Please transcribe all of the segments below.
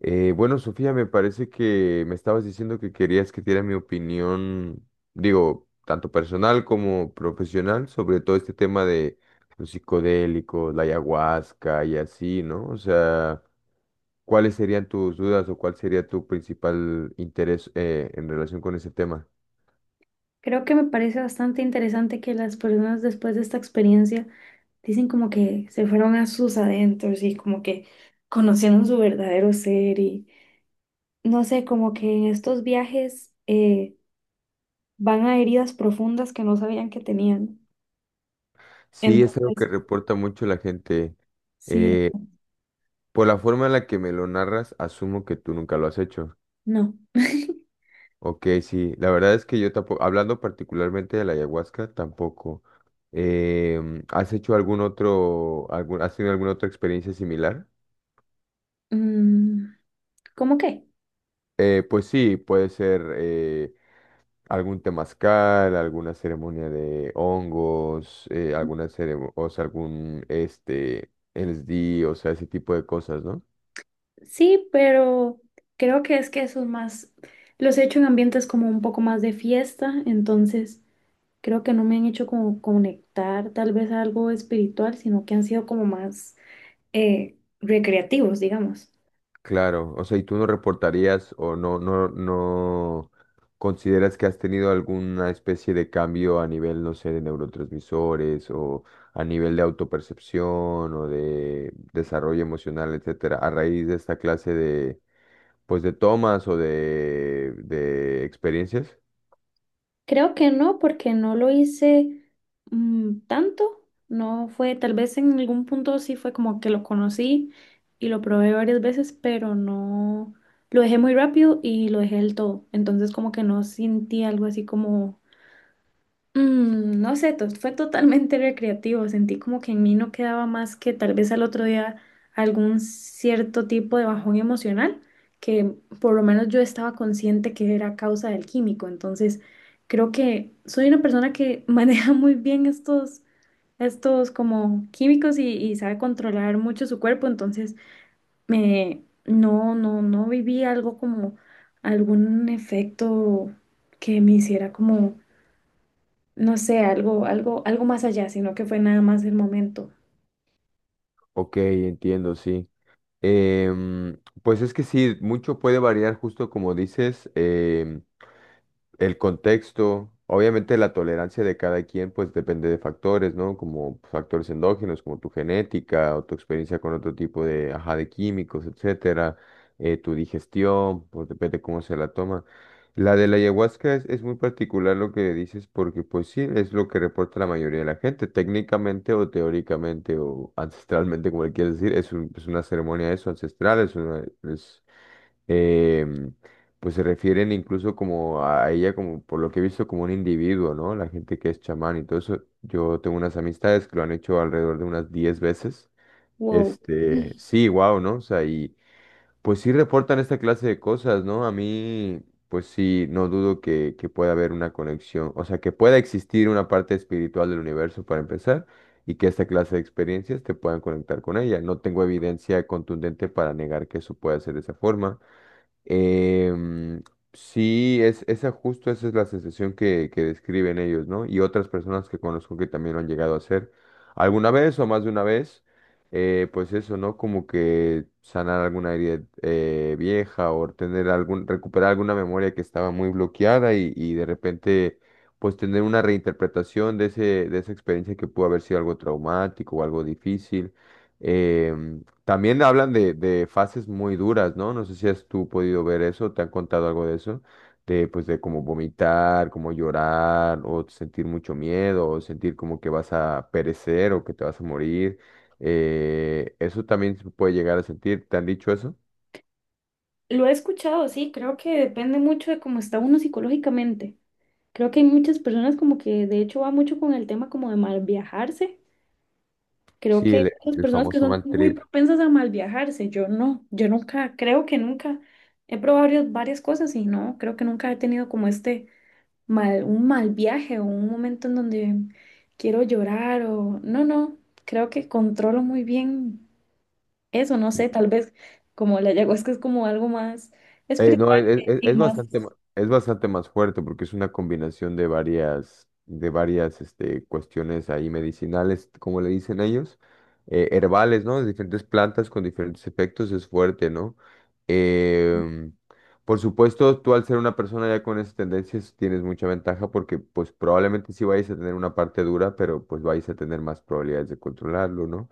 Bueno, Sofía, me parece que me estabas diciendo que querías que diera mi opinión, digo, tanto personal como profesional, sobre todo este tema de los psicodélicos, la ayahuasca y así, ¿no? O sea, ¿cuáles serían tus dudas o cuál sería tu principal interés en relación con ese tema? Creo que me parece bastante interesante que las personas después de esta experiencia dicen como que se fueron a sus adentros y como que conocieron su verdadero ser y no sé, como que en estos viajes van a heridas profundas que no sabían que tenían. Sí, es algo Entonces, que reporta mucho la gente. sí, Eh, por la forma en la que me lo narras, asumo que tú nunca lo has hecho. no. Ok, sí, la verdad es que yo tampoco, hablando particularmente de la ayahuasca, tampoco. ¿Has hecho algún otro, has tenido alguna otra experiencia similar? Mm, ¿cómo qué? Pues sí, puede ser algún temazcal, alguna ceremonia de hongos, alguna o sea, algún este LSD, o sea, ese tipo de cosas, ¿no? Sí, pero creo que es que eso es más, los he hecho en ambientes como un poco más de fiesta, entonces creo que no me han hecho como conectar tal vez a algo espiritual, sino que han sido como más recreativos, digamos. Claro, o sea, ¿y tú no reportarías o no consideras que has tenido alguna especie de cambio a nivel, no sé, de neurotransmisores o a nivel de autopercepción o de desarrollo emocional, etcétera, a raíz de esta clase de, pues, de tomas o de experiencias? Creo que no, porque no lo hice tanto. No fue, tal vez en algún punto sí fue como que lo conocí y lo probé varias veces, pero no, lo dejé muy rápido y lo dejé del todo. Entonces como que no sentí algo así como. No sé, fue totalmente recreativo. Sentí como que en mí no quedaba más que tal vez al otro día algún cierto tipo de bajón emocional, que por lo menos yo estaba consciente que era causa del químico. Entonces, creo que soy una persona que maneja muy bien estos, estos como químicos y sabe controlar mucho su cuerpo. Entonces, me, no, no, no viví algo como algún efecto que me hiciera como no sé, algo, algo, algo más allá, sino que fue nada más el momento. Ok, entiendo, sí. Em, pues es que sí, mucho puede variar, justo como dices. El contexto, obviamente la tolerancia de cada quien, pues depende de factores, ¿no? Como factores endógenos, como tu genética o tu experiencia con otro tipo de, ajá, de químicos, etcétera, tu digestión, pues depende cómo se la toma. La de la ayahuasca es muy particular lo que dices porque pues sí, es lo que reporta la mayoría de la gente, técnicamente o teóricamente o ancestralmente, como le quieras decir, es es una ceremonia eso, ancestral, es em, pues se refieren incluso como a ella, como por lo que he visto, como un individuo, ¿no? La gente que es chamán y todo eso. Yo tengo unas amistades que lo han hecho alrededor de unas 10 veces. Wow. Este, sí, wow, ¿no? O sea, y pues sí reportan esta clase de cosas, ¿no? A mí, pues sí, no dudo que pueda haber una conexión, o sea, que pueda existir una parte espiritual del universo para empezar, y que esta clase de experiencias te puedan conectar con ella. No tengo evidencia contundente para negar que eso pueda ser de esa forma. Em, sí, es, esa justo esa es la sensación que describen ellos, ¿no? Y otras personas que conozco que también lo han llegado a hacer alguna vez o más de una vez, pues eso, ¿no? Como que sanar alguna herida vieja o tener algún, recuperar alguna memoria que estaba muy bloqueada y de repente, pues tener una reinterpretación de de esa experiencia que pudo haber sido algo traumático o algo difícil. Em, También hablan de fases muy duras, ¿no? No sé si has tú podido ver eso, te han contado algo de eso, de pues de como vomitar, como llorar, o sentir mucho miedo, o sentir como que vas a perecer o que te vas a morir. Eso también se puede llegar a sentir. ¿Te han dicho eso? Lo he escuchado, sí, creo que depende mucho de cómo está uno psicológicamente. Creo que hay muchas personas como que de hecho va mucho con el tema como de mal viajarse. Creo Sí, que hay muchas el personas que famoso son mal muy trip. propensas a mal viajarse. Yo no, yo nunca, creo que nunca he probado varias, varias cosas y no, creo que nunca he tenido como este mal, un mal viaje o un momento en donde quiero llorar o no, no, creo que controlo muy bien eso, no sé, tal vez como la ayahuasca es como algo más No, espiritual es- y Es más, bastante, es bastante más fuerte porque es una combinación de varias este, cuestiones ahí medicinales, como le dicen ellos, herbales, ¿no? De diferentes plantas con diferentes efectos es fuerte, ¿no? Em, por supuesto, tú al ser una persona ya con esas tendencias tienes mucha ventaja porque pues probablemente sí vayas a tener una parte dura, pero pues vais a tener más probabilidades de controlarlo, ¿no?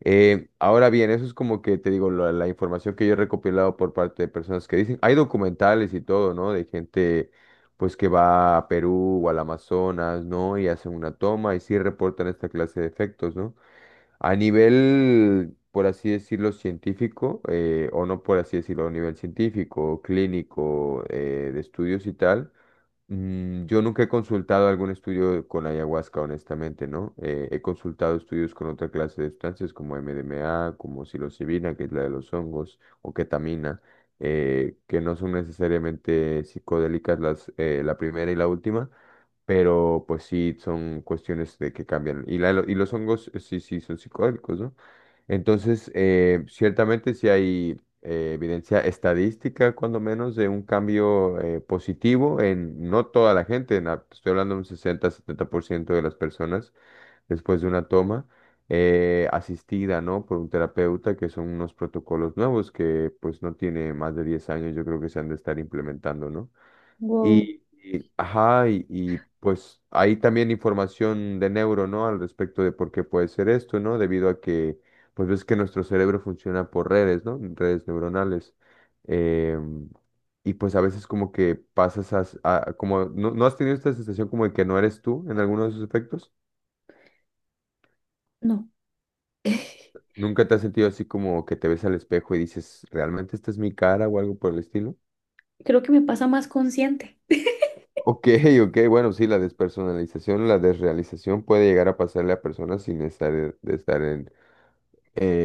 Ahora bien, eso es como que te digo, la información que yo he recopilado por parte de personas que dicen, hay documentales y todo, ¿no? De gente pues que va a Perú o al Amazonas, ¿no? Y hacen una toma y sí reportan esta clase de efectos, ¿no? A nivel, por así decirlo, científico, o no por así decirlo, a nivel científico, clínico, de estudios y tal. Yo nunca he consultado algún estudio con ayahuasca, honestamente, ¿no? He consultado estudios con otra clase de sustancias como MDMA, como psilocibina, que es la de los hongos, o ketamina, que no son necesariamente psicodélicas las, la primera y la última, pero pues sí son cuestiones de que cambian. Y los hongos sí, sí son psicodélicos, ¿no? Entonces, ciertamente sí hay evidencia estadística, cuando menos, de un cambio positivo en no toda la gente, en estoy hablando de un 60-70% de las personas después de una toma, asistida, ¿no? Por un terapeuta, que son unos protocolos nuevos que pues no tiene más de 10 años, yo creo que se han de estar implementando, ¿no? wow, Ajá, pues hay también información de neuro, ¿no? Al respecto de por qué puede ser esto, ¿no? Debido a que, pues ves que nuestro cerebro funciona por redes, ¿no? Redes neuronales. Em, y pues a veces como que pasas como, ¿no, no has tenido esta sensación como de que no eres tú en alguno de esos efectos? no. ¿Nunca te has sentido así como que te ves al espejo y dices, ¿realmente esta es mi cara o algo por el estilo? Creo que me pasa más consciente. Ok, ok, bueno, sí, la despersonalización, la desrealización puede llegar a pasarle a personas sin estar, de estar en...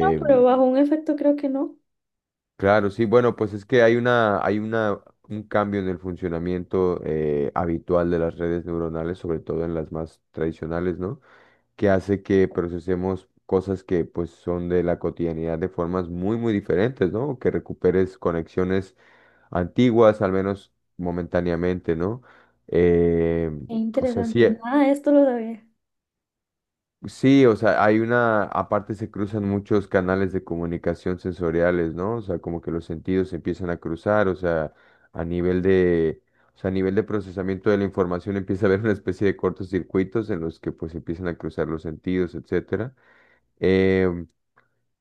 No, pero bajo un efecto creo que no. claro, sí, bueno, pues es que hay una, un cambio en el funcionamiento habitual de las redes neuronales, sobre todo en las más tradicionales, ¿no? Que hace que procesemos cosas que pues son de la cotidianidad de formas muy, muy diferentes, ¿no? Que recuperes conexiones antiguas, al menos momentáneamente, ¿no? Em, Qué o sea, sí. interesante, nada de esto lo sabía. Sí, o sea, hay una, aparte se cruzan muchos canales de comunicación sensoriales, ¿no? O sea, como que los sentidos se empiezan a cruzar, o sea, a nivel de, o sea, a nivel de procesamiento de la información empieza a haber una especie de cortocircuitos en los que pues empiezan a cruzar los sentidos, etcétera. Em,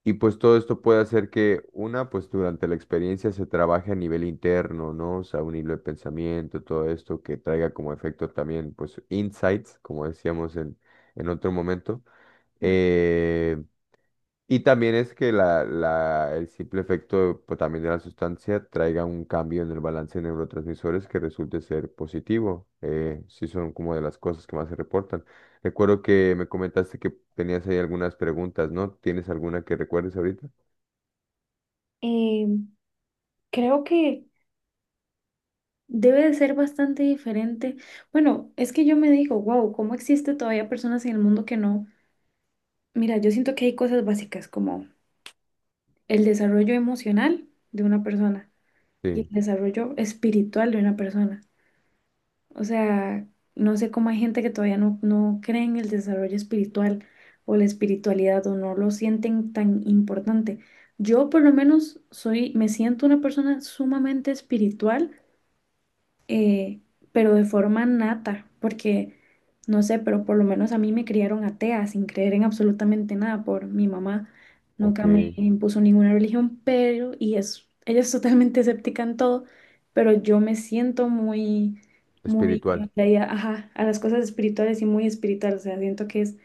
y pues todo esto puede hacer que una, pues durante la experiencia se trabaje a nivel interno, ¿no? O sea, un hilo de pensamiento, todo esto que traiga como efecto también, pues, insights, como decíamos en otro momento. Eh, y también es que el simple efecto pues, también de la sustancia traiga un cambio en el balance de neurotransmisores que resulte ser positivo, si son como de las cosas que más se reportan. Recuerdo que me comentaste que tenías ahí algunas preguntas, ¿no? ¿Tienes alguna que recuerdes ahorita? Eh, Creo que debe de ser bastante diferente. Bueno, es que yo me digo, wow, ¿cómo existe todavía personas en el mundo que no? Mira, yo siento que hay cosas básicas como el desarrollo emocional de una persona y el Sí, desarrollo espiritual de una persona. O sea, no sé cómo hay gente que todavía no, no cree en el desarrollo espiritual o la espiritualidad o no lo sienten tan importante. Yo por lo menos soy, me siento una persona sumamente espiritual, eh, pero de forma nata, porque no sé, pero por lo menos a mí me criaron atea sin creer en absolutamente nada por mi mamá. Nunca me ok. impuso ninguna religión, pero, y es, ella es totalmente escéptica en todo, pero yo me siento muy, muy Espiritual. atraída, ajá, a las cosas espirituales y muy espiritual, o sea, siento que es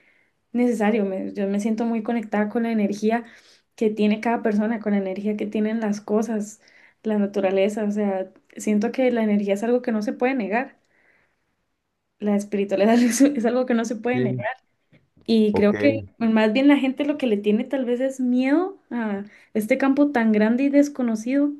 necesario. Me- yo me siento muy conectada con la energía que tiene cada persona, con la energía que tienen las cosas, la naturaleza. O sea, siento que la energía es algo que no se puede negar. La espiritualidad es algo que no se puede negar. Sí. Y creo Ok. que más bien la gente lo que le tiene tal vez es miedo a este campo tan grande y desconocido.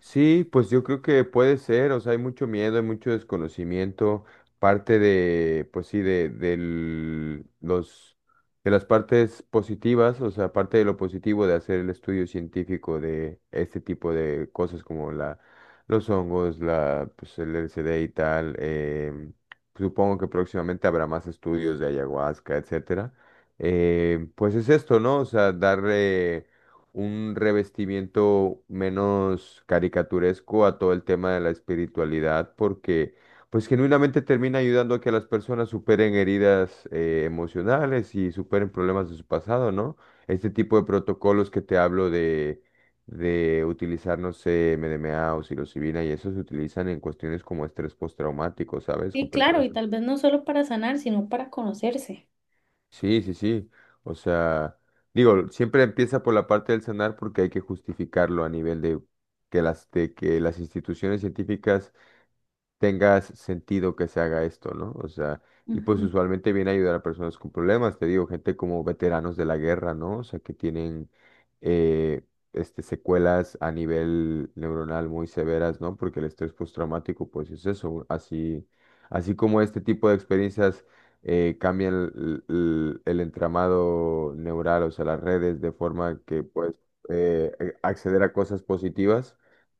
Sí, pues yo creo que puede ser, o sea, hay mucho miedo, hay mucho desconocimiento, parte de, pues sí, los, de las partes positivas, o sea, parte de lo positivo de hacer el estudio científico de este tipo de cosas como la, los hongos, la, pues el LSD y tal, supongo que próximamente habrá más estudios de ayahuasca, etcétera. Pues es esto, ¿no? O sea, darle un revestimiento menos caricaturesco a todo el tema de la espiritualidad, porque pues genuinamente termina ayudando a que las personas superen heridas emocionales y superen problemas de su pasado, ¿no? Este tipo de protocolos que te hablo de utilizar, no sé, MDMA o psilocibina y eso se utilizan en cuestiones como estrés postraumático, ¿sabes? Con Sí, claro, personas y que tal vez no solo para sanar, sino para conocerse. sí, sí, sí. O sea, digo, siempre empieza por la parte del sanar porque hay que justificarlo a nivel de que las instituciones científicas tengas sentido que se haga esto, ¿no? O sea, y pues Ujú, usualmente viene a ayudar a personas con problemas, te digo, gente como veteranos de la guerra, ¿no? O sea, que tienen eh, este, secuelas a nivel neuronal muy severas, ¿no? Porque el estrés postraumático, pues es eso, así, así como este tipo de experiencias cambian el entramado neural, o sea, las redes, de forma que puedes acceder a cosas positivas.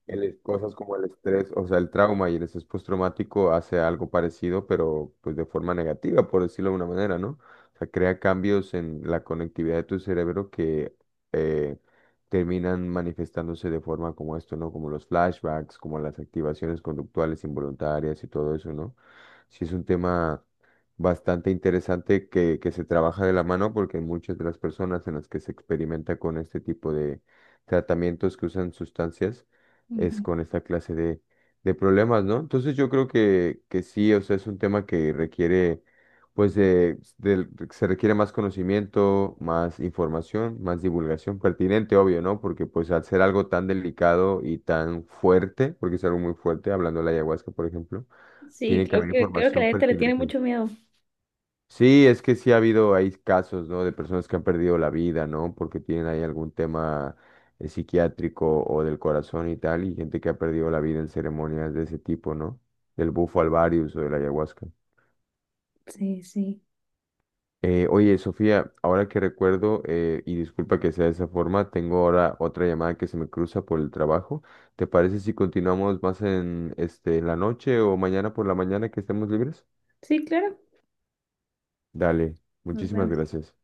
Cosas como el estrés, o sea, el trauma y el estrés postraumático hace algo parecido, pero pues de forma negativa, por decirlo de una manera, ¿no? O sea, crea cambios en la conectividad de tu cerebro que eh, terminan manifestándose de forma como esto, ¿no? Como los flashbacks, como las activaciones conductuales involuntarias y todo eso, ¿no? Sí es un tema bastante interesante que se trabaja de la mano porque muchas de las personas en las que se experimenta con este tipo de tratamientos que usan sustancias, es ujú. con esta clase de problemas, ¿no? Entonces yo creo que sí, o sea, es un tema que requiere, pues, se requiere más conocimiento, más información, más divulgación pertinente, obvio, ¿no? Porque pues al ser algo tan delicado y tan fuerte, porque es algo muy fuerte, hablando de la ayahuasca, por ejemplo, Sí, tiene que haber creo que la información gente le tiene pertinente. mucho miedo. Sí, es que sí ha habido ahí casos, ¿no? De personas que han perdido la vida, ¿no? Porque tienen ahí algún tema psiquiátrico o del corazón y tal, y gente que ha perdido la vida en ceremonias de ese tipo, ¿no? Del bufo alvarius o de la ayahuasca. Sí, sí. Oye, Sofía, ahora que recuerdo, y disculpa que sea de esa forma, tengo ahora otra llamada que se me cruza por el trabajo. ¿Te parece si continuamos más en, este, en la noche o mañana por la mañana que estemos libres? Sí, claro. Dale, Nos muchísimas vemos. gracias.